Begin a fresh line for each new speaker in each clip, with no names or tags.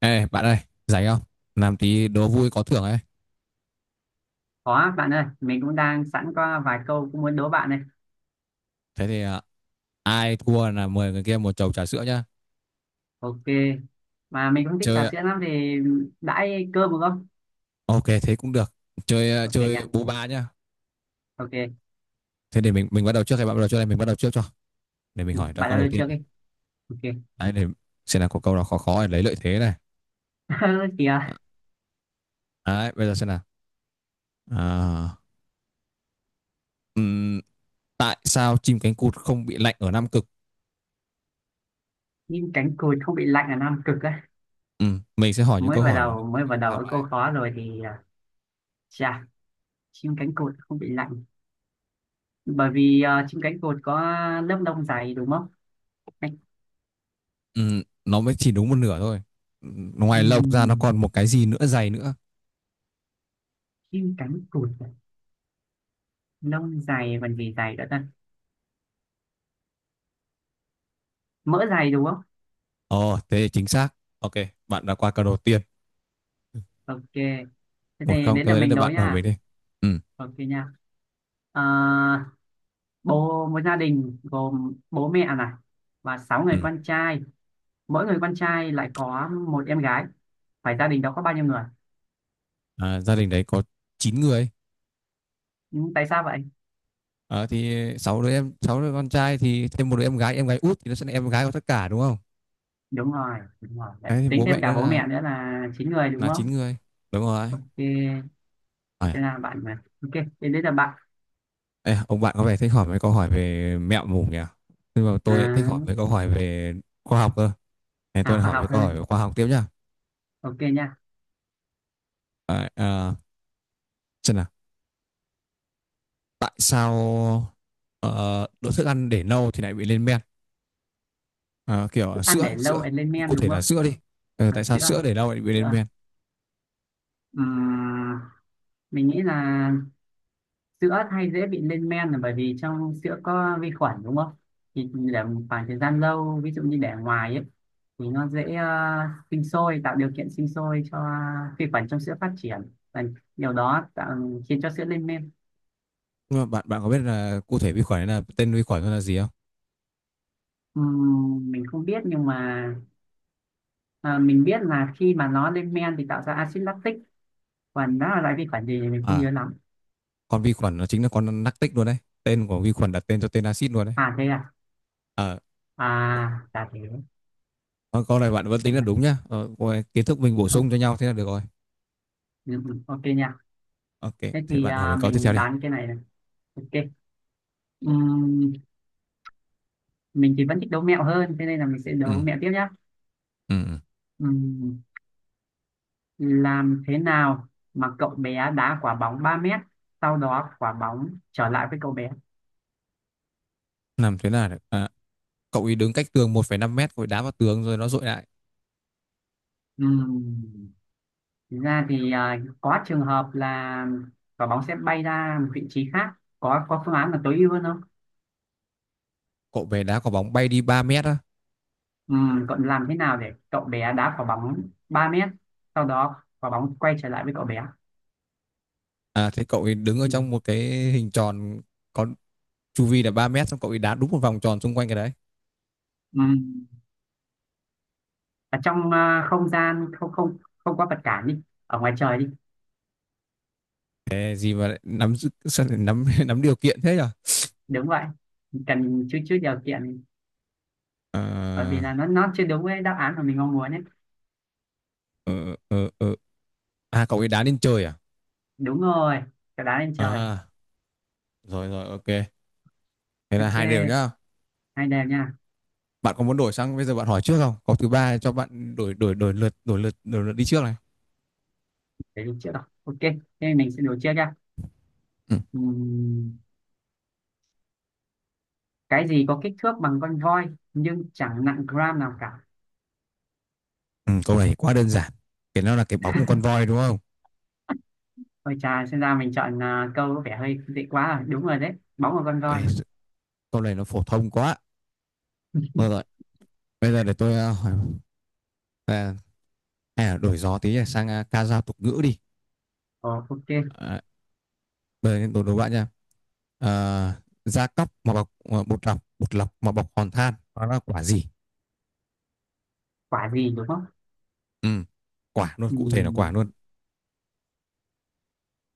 Ê, bạn ơi, rảnh không? Làm tí đố vui có thưởng ấy.
Có bạn ơi, mình cũng đang sẵn có vài câu cũng muốn đố bạn này.
Thế thì ai thua là mời người kia một chầu trà sữa nhá.
Ok, mà mình cũng thích
Chơi,
trà
à,
sữa lắm thì đãi cơm được không?
ok, thế cũng được.
Ok
Chơi
nha,
bú ba nhá.
ok.
Thế để mình bắt đầu trước hay bạn bắt đầu trước đây? Mình bắt đầu trước cho. Để mình
Ừ,
hỏi ra
bạn
câu
đã
đầu
được
tiên.
chưa đi? Ok.
Đấy, để xem là có câu nào khó khó để lấy lợi thế này. À,
Kìa,
Đấy, bây giờ xem nào. À, ừm, tại sao chim cánh cụt không bị lạnh ở Nam Cực?
nhưng cánh cụt không bị lạnh là Nam Cực á.
Mình sẽ hỏi những
Mới
câu
vào
hỏi nó liên
đầu,
quan
mới
đến
vào
khoa
đầu
học
ở câu
đấy.
khó rồi chà, chim cánh cụt không bị lạnh. Bởi vì chim cánh cụt có lớp lông dày đúng không? Cánh-
Nó mới chỉ đúng một nửa thôi. Ngoài lông ra nó
ừm,
còn một cái gì nữa dày nữa.
chim cánh cụt, à? Lông dày còn gì dày nữa ta? Mỡ dày đúng không?
Ồ, thế thì chính xác. Ok, bạn đã qua câu đầu tiên.
Ok, thế
Một
thì
không,
đến là
tôi đến
mình
được
đố
bạn hỏi mình
nha.
đi. Ừ,
Ok nha. Ờ, bố một gia đình gồm bố mẹ này và sáu
ừ.
người con trai mỗi người con trai lại có một em gái, phải gia đình đó có bao nhiêu người?
À, gia đình đấy có 9 người.
Ừ, tại sao vậy?
Ờ, thì sáu đứa em, sáu đứa con trai thì thêm một đứa em gái út thì nó sẽ là em gái của tất cả đúng không?
Đúng rồi, đúng rồi. Đấy,
Đấy, thì
tính
bố
thêm
mẹ
cả
nữa
bố
là
mẹ nữa là 9 người đúng
9
không?
người. Đúng rồi.
Ok, thế
À,
là bạn mà ok. Thế đấy là bạn.
ê, ông bạn có vẻ thích hỏi mấy câu hỏi về mẹo mủ nhỉ? Nhưng mà tôi lại thích
à,
hỏi mấy câu hỏi về khoa học cơ. Thế tôi
khoa
hỏi
học
mấy câu hỏi về
hơn.
khoa học tiếp nhá.
Ok nha.
À, à, xem nào, tại sao ờ, đồ thức ăn để lâu thì lại bị lên men?
Thức
Sữa
ăn
ấy,
để lâu
sữa
ấy lên men
cụ thể
đúng
là
không?
sữa đi. Ờ, tại sao
Sữa
sữa để lau lại bị lên
sữa
men?
Ừm, mình nghĩ là sữa hay dễ bị lên men là bởi vì trong sữa có vi khuẩn đúng không? Thì để một khoảng thời gian lâu, ví dụ như để ngoài ấy thì nó dễ, sinh sôi, tạo điều kiện sinh sôi cho vi khuẩn trong sữa phát triển, và điều đó tạo, khiến cho sữa lên men.
Nhưng mà bạn bạn có biết là cụ thể vi khuẩn ấy, là tên vi khuẩn nó là gì không?
Mình không biết nhưng mà, ờ, mình biết là khi mà nó lên men thì tạo ra axit lactic, còn nó là loại vi khuẩn gì thì mình không
À,
nhớ lắm.
con vi khuẩn nó chính là con lactic luôn đấy, tên của vi khuẩn đặt tên cho tên axit luôn đấy.
À thế à.
Ờ,
À là thế.
con câu này bạn vẫn
Vậy
tính là
là-
đúng nhá, ờ, coi kiến thức mình bổ
ok,
sung cho nhau thế là được rồi.
ừ, ừ, ok nha.
Ok,
Thế
thế bạn hỏi mình câu tiếp theo
mình
đi.
đoán cái này này. Ok. Ừm, mình thì vẫn thích đố mẹo hơn, thế nên là mình sẽ đố
Ừ,
mẹo tiếp nhé.
ừ, ừ.
Ừm, làm thế nào mà cậu bé đá quả bóng 3 mét sau đó quả bóng trở lại với cậu bé?
Làm thế nào để cậu ấy đứng cách tường 1,5 mét rồi đá vào tường rồi nó dội lại.
Ừm, Thực ra có trường hợp là quả bóng sẽ bay ra một vị trí khác, có phương án là tối ưu hơn không?
Cậu về đá quả bóng bay đi 3 mét á?
Cậu làm thế nào để cậu bé đá quả bóng 3 mét sau đó quả bóng quay trở lại với cậu bé?
À thế cậu ấy đứng ở trong
Ừm,
một cái hình tròn có chu vi là 3 mét xong cậu ấy đá đúng một vòng tròn xung quanh cái đấy.
ừm, ở trong không gian không không không có vật cản đi, ở ngoài trời đi.
Thế gì mà lại nắm giữ- sao lại nắm nắm điều kiện thế nhỉ?
Đúng vậy, cần chút chút điều kiện, bởi vì là
À,
nó chưa đúng với đáp án mà mình mong muốn ấy.
ờ, ờ, ờ. À cậu ấy đá lên trời à?
Đúng rồi, cả đá lên trời.
À rồi rồi ok. Thế là
Ok,
hai đều nhá.
hai đều nha.
Bạn có muốn đổi sang bây giờ bạn hỏi trước không? Có thứ ba cho bạn đổi đổi đổi lượt đổi lượt đổi lượt đi trước này.
Để đi trước rồi ok, thế mình sẽ đổ trước nha.
Ừ.
Ừm, cái gì có kích thước bằng con voi nhưng chẳng nặng gram nào cả?
Ừ, câu này quá đơn giản. Cái nó là cái bóng của con voi đúng không?
Ôi chà, xem ra mình chọn câu có vẻ hơi dễ quá rồi. Đúng rồi đấy, bóng của con voi.
Ấy, câu này nó phổ thông quá. Rồi rồi. Bây giờ để tôi hỏi à, hay là đổi gió tí sang ca dao tục ngữ đi.
Ồ, ok.
à, Bây giờ bạn nha, da cóc mà bọc bột lọc, bột lọc mà bọc hòn than, đó là quả gì?
Quả gì đúng không?
Ừ. Quả luôn, cụ thể là quả
Ừm,
luôn.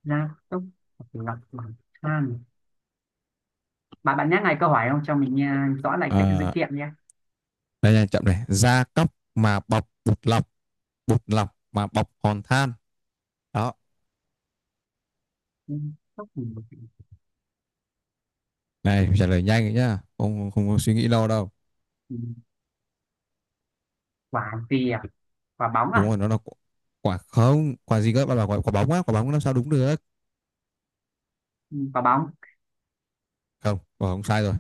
gia tốc lọc bằng than. Bạn bạn nhắc lại câu hỏi không cho mình nghe rõ lại cái dữ
À,
kiện nhé.
đây nha, chậm này, da cóc mà bọc bột lọc, bột lọc mà bọc hòn than, đó.
Ừ, Sóc thì một cái-
Này trả lời nhanh ấy nhá, không, không có suy nghĩ lâu đâu.
ừ, quả gì à? Quả bóng
Đúng rồi
à?
nó là quả, không quả gì cơ, bạn bảo quả, quả bóng á, quả bóng làm sao đúng được?
Ừ, quả bóng.
Không, quả bóng sai rồi.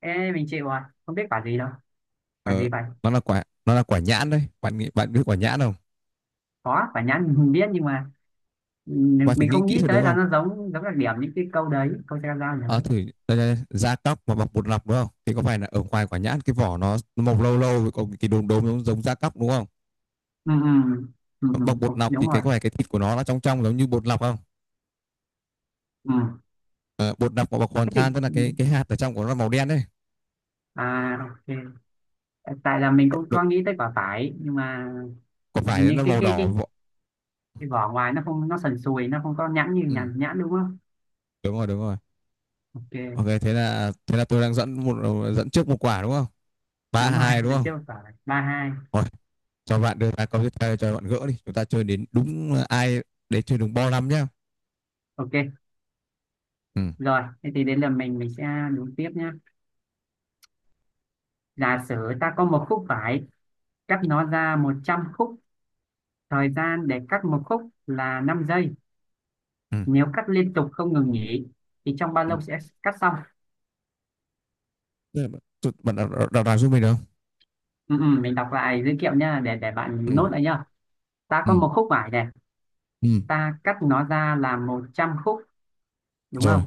Ê, mình chịu rồi, không biết quả gì đâu. Quả
ờ,
gì vậy?
nó là quả, nhãn đấy, bạn nghĩ bạn biết quả nhãn không?
Có, quả nhãn mình biết nhưng mà, ừ,
Và phải
mình
nghĩ
không
kỹ
nghĩ
thôi đúng
tới là
không?
nó giống giống đặc điểm những cái câu đấy, câu tra ra
Ờ
nhỉ.
thử, đây, đây, da cóc mà bọc bột lọc đúng không? Thì có phải là ở ngoài quả nhãn cái vỏ nó màu lâu lâu rồi có cái đốm đốm giống, giống da cóc đúng không?
Ừ, ừ, ừ, ừ,
Bọc
ừ,
bột lọc thì
đúng
cái
rồi.
có phải cái thịt của nó trong trong giống như bột lọc không?
Ừ.
Ờ, bột lọc mà bọc hoàn
Thế
than tức là
thì
cái hạt ở trong của nó màu đen đấy.
à ok. Tại là mình cũng có
Được,
nghĩ tới quả vải nhưng mà
có
hình
phải
như
nó
cái
màu
cái
đỏ?
cái cái vỏ ngoài nó không, nó sần sùi, nó không có nhẵn như
Ừ,
nhãn, nhãn đúng không?
đúng rồi đúng rồi. Ok
Ok.
thế là tôi đang dẫn một trước một quả đúng không? Ba
Đúng rồi,
hai đúng
lần
không?
trước quả 3-2.
Rồi, cho bạn đưa ra câu tiếp theo cho bạn gỡ đi. Chúng ta chơi đến đúng ai đấy, chơi đúng bo năm nhá.
Ok.
Ừ.
Rồi, thế thì đến lượt mình sẽ đúng tiếp nhé. Giả sử ta có một khúc vải, cắt nó ra 100 khúc, thời gian để cắt một khúc là 5 giây.
Ừ.
Nếu cắt liên tục không ngừng nghỉ thì trong bao
Ừ.
lâu sẽ cắt xong?
Đây là bạn, tôi- bạn đọc, đọc, đọc, đọc giúp mình được không?
Ừ, ừ, mình đọc lại dữ liệu nhá, để
Ừ.
bạn nốt lại nhá. Ta có
Ừ.
một khúc vải này,
Ừ.
ta cắt nó ra là 100 khúc đúng
Rồi,
không?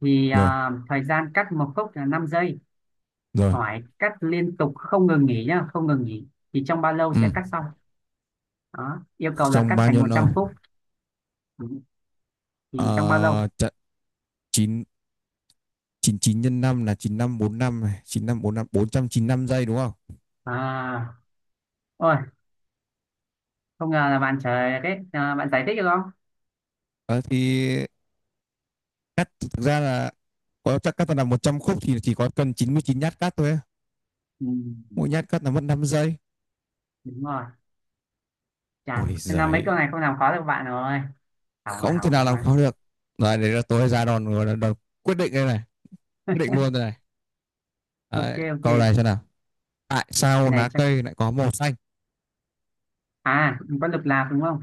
rồi,
Thời gian cắt một khúc là 5 giây.
rồi.
Hỏi cắt liên tục không ngừng nghỉ nhá, không ngừng nghỉ thì trong bao lâu
Ừ.
sẽ cắt xong? Đó, yêu cầu là
Trong
cắt
bao
thành
nhiêu
100
lâu?
khúc. Ừ. Thì trong bao lâu?
Ờ, chặn chín, 99 nhân 5 là 9545 này, chín năm năm bốn trăm chín, 495 giây đúng không?
À ôi không ngờ là bạn trời đấy à, bạn giải thích được không?
Ờ, thì cắt thực ra là có chắc cắt là 100 khúc thì chỉ có cần 99 nhát cắt thôi. Á.
Ừ,
Mỗi nhát cắt là mất 5 giây.
đúng rồi.
Ôi
Chàn, xem ra mấy
giời,
câu này không làm khó được bạn rồi, hỏng rồi
không thể
hỏng
nào làm
rồi.
khó được. Rồi đấy là tôi ra đòn rồi, đòn quyết định đây này, quyết định luôn đây này.
Ok,
Đấy,
ok,
câu
cái
này xem nào. Tại sao
này
lá
chắc
cây lại có màu xanh?
có lục lạc đúng không,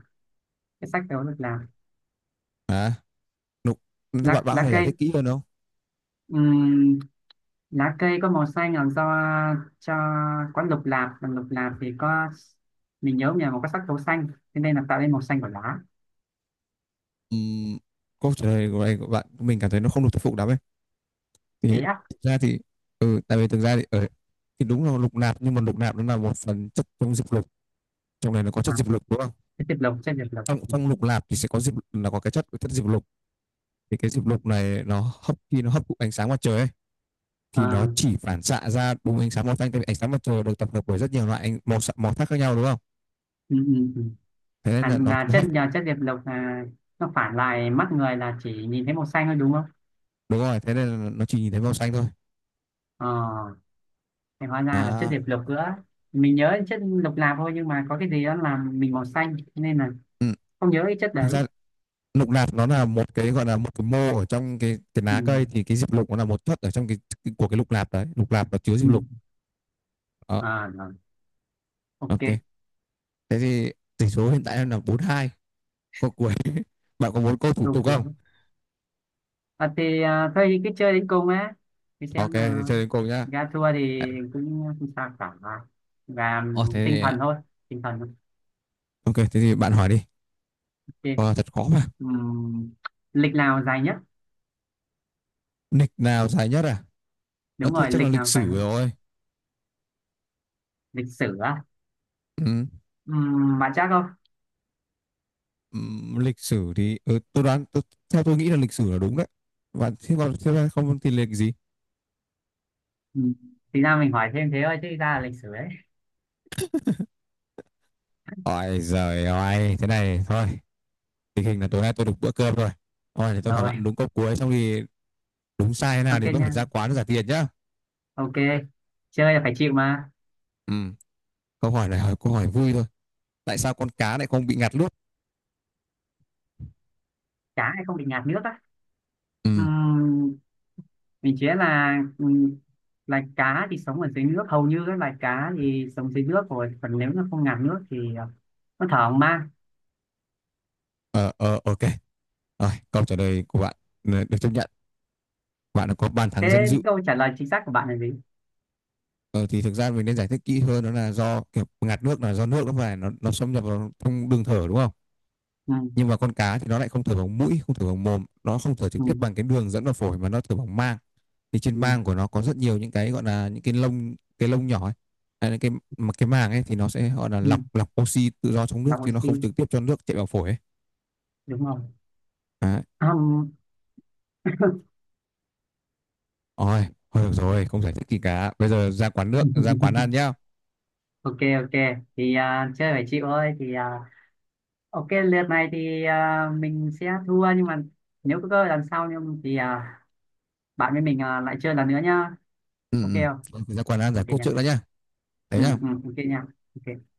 cái sách đó lục lạc.
À, nụ- bạn bạn
lá,
có
lá
thể giải
cây.
thích kỹ hơn không?
Ừm, Lá cây có màu xanh là do cho có lục lạc, còn lục lạc thì có, mình nhớ nhà mà có sắc tố xanh, thế nên là tạo nên màu xanh của lá.
Ừm, câu trả lời của bạn, mình cảm thấy nó không được thuyết phục lắm ấy.
Thế
Thì
á?
thực ra thì tại vì thực ra thì ở thì đúng là lục nạp nhưng mà lục nạp nó là một phần chất trong diệp lục. Trong này nó có
à,
chất diệp lục đúng không?
cái tiệp lộc trên tiệp lộc.
Trong
Ừ.
trong lục nạp thì sẽ có diệp là có cái chất chất diệp lục. Thì cái diệp lục này nó hấp khi nó hấp thụ ánh sáng mặt trời ấy thì
Ờ,
nó chỉ phản xạ ra đúng ánh sáng màu xanh, tại vì ánh sáng mặt trời được tập hợp bởi rất nhiều loại ánh màu xạ- màu sắc khác nhau đúng không?
ừ, ừ, ừ.
Thế nên là
Là
nó
chất
hấp thụ-
nhờ chất diệp lục là nó phản lại mắt người, là chỉ nhìn thấy màu xanh thôi đúng không?
đúng rồi, thế nên là nó chỉ nhìn thấy màu xanh thôi.
ờ thì hóa ra là chất
À,
diệp lục nữa. Mình nhớ chất lục lạp thôi nhưng mà có cái gì đó làm mình màu xanh nên là
ừ.
không nhớ cái chất
Thực
đấy.
ra lục nạp nó là một cái gọi là một cái mô ở trong cái
Ừ.
lá cây, thì cái diệp lục nó là một thất ở trong cái của cái lục nạp đấy, lục nạp nó chứa
Ừ.
diệp lục đó.
À, rồi.
Ok,
Ok,
thế thì tỷ số hiện tại là bốn hai, câu cuối bạn có muốn câu thủ
câu
tục
cuối.
không?
Thôi cứ chơi đến cùng á, thì
Ok
xem
thì
nào.
chơi đến cùng nhá.
Ra thua thì cũng không sao cả, và
Ờ
tinh
thế
thần thôi, tinh thần.
Ok thế thì bạn hỏi đi.
Ok.
Ờ, Thật khó mà.
Ừm, lịch nào dài nhất?
Lịch nào dài nhất? À nó
Đúng
thì
rồi,
chắc là
lịch
lịch
nào dài
sử
nhất?
rồi.
Lịch sử á?
Ừ.
Bạn chắc không?
Ừ, lịch sử thì tôi đoán tôi, theo tôi nghĩ là lịch sử là đúng đấy. Bạn thế còn thế, không thì lịch gì?
Ừm, thì ra mình hỏi thêm thế thôi chứ ra là lịch sử đấy.
Ôi giời ơi, thế này thôi, tình hình là tối nay tôi được bữa cơm rồi. Hỏi thì tôi hỏi
Rồi.
bạn đúng câu cuối, xong thì đúng sai thế nào
Ok
thì vẫn
nha,
phải ra quán trả tiền nhá.
ok. Chơi là phải chịu mà.
Ừ, câu hỏi này hỏi câu hỏi vui thôi. Tại sao con cá lại không bị ngạt nước?
Cá thì không bị ngạt nước á?
Ừ.
Ừm, mình chế là, loài cá thì sống ở dưới nước, hầu như các loài cá thì sống dưới nước rồi, còn nếu nó không ngạt nước thì, nó thở không mang.
Ờ ờ ok, rồi câu trả lời của bạn, ừ, được chấp nhận, bạn đã có bàn
Thế
thắng danh dự.
câu trả lời chính xác của bạn là gì?
Ờ, thì thực ra mình nên giải thích kỹ hơn, đó là do kiểu ngạt nước là do nước nó phải nó xâm nhập vào trong đường thở đúng không?
Ừ,
Nhưng mà con cá thì nó lại không thở bằng mũi, không thở bằng mồm, nó không thở trực
ừ,
tiếp bằng cái đường dẫn vào phổi mà nó thở bằng mang. Thì trên
ừ,
mang của nó có rất nhiều những cái gọi là những cái lông, cái lông nhỏ ấy. Hay cái mà cái màng ấy thì nó sẽ gọi là
ừ,
lọc, lọc oxy tự do trong nước
lọc
chứ nó
oxy
không trực tiếp cho nước chạy vào phổi ấy.
đúng không?
Đấy.
Ừm.
Ôi, thôi được rồi, không giải thích gì cả. Bây giờ ra quán nước, ra quán ăn nhá.
Ok, ok thì chơi phải chịu thôi ok lượt này mình sẽ thua nhưng mà nếu có cơ hội lần sau nhưng bạn với mình lại chơi lần nữa nhá. Ok
Ừ,
không?
ừ. Ra quán ăn giải
Ok
quyết
nha.
trước đã nhá. Đấy
Ừ,
nhá.
ừ, ok nha. Ok.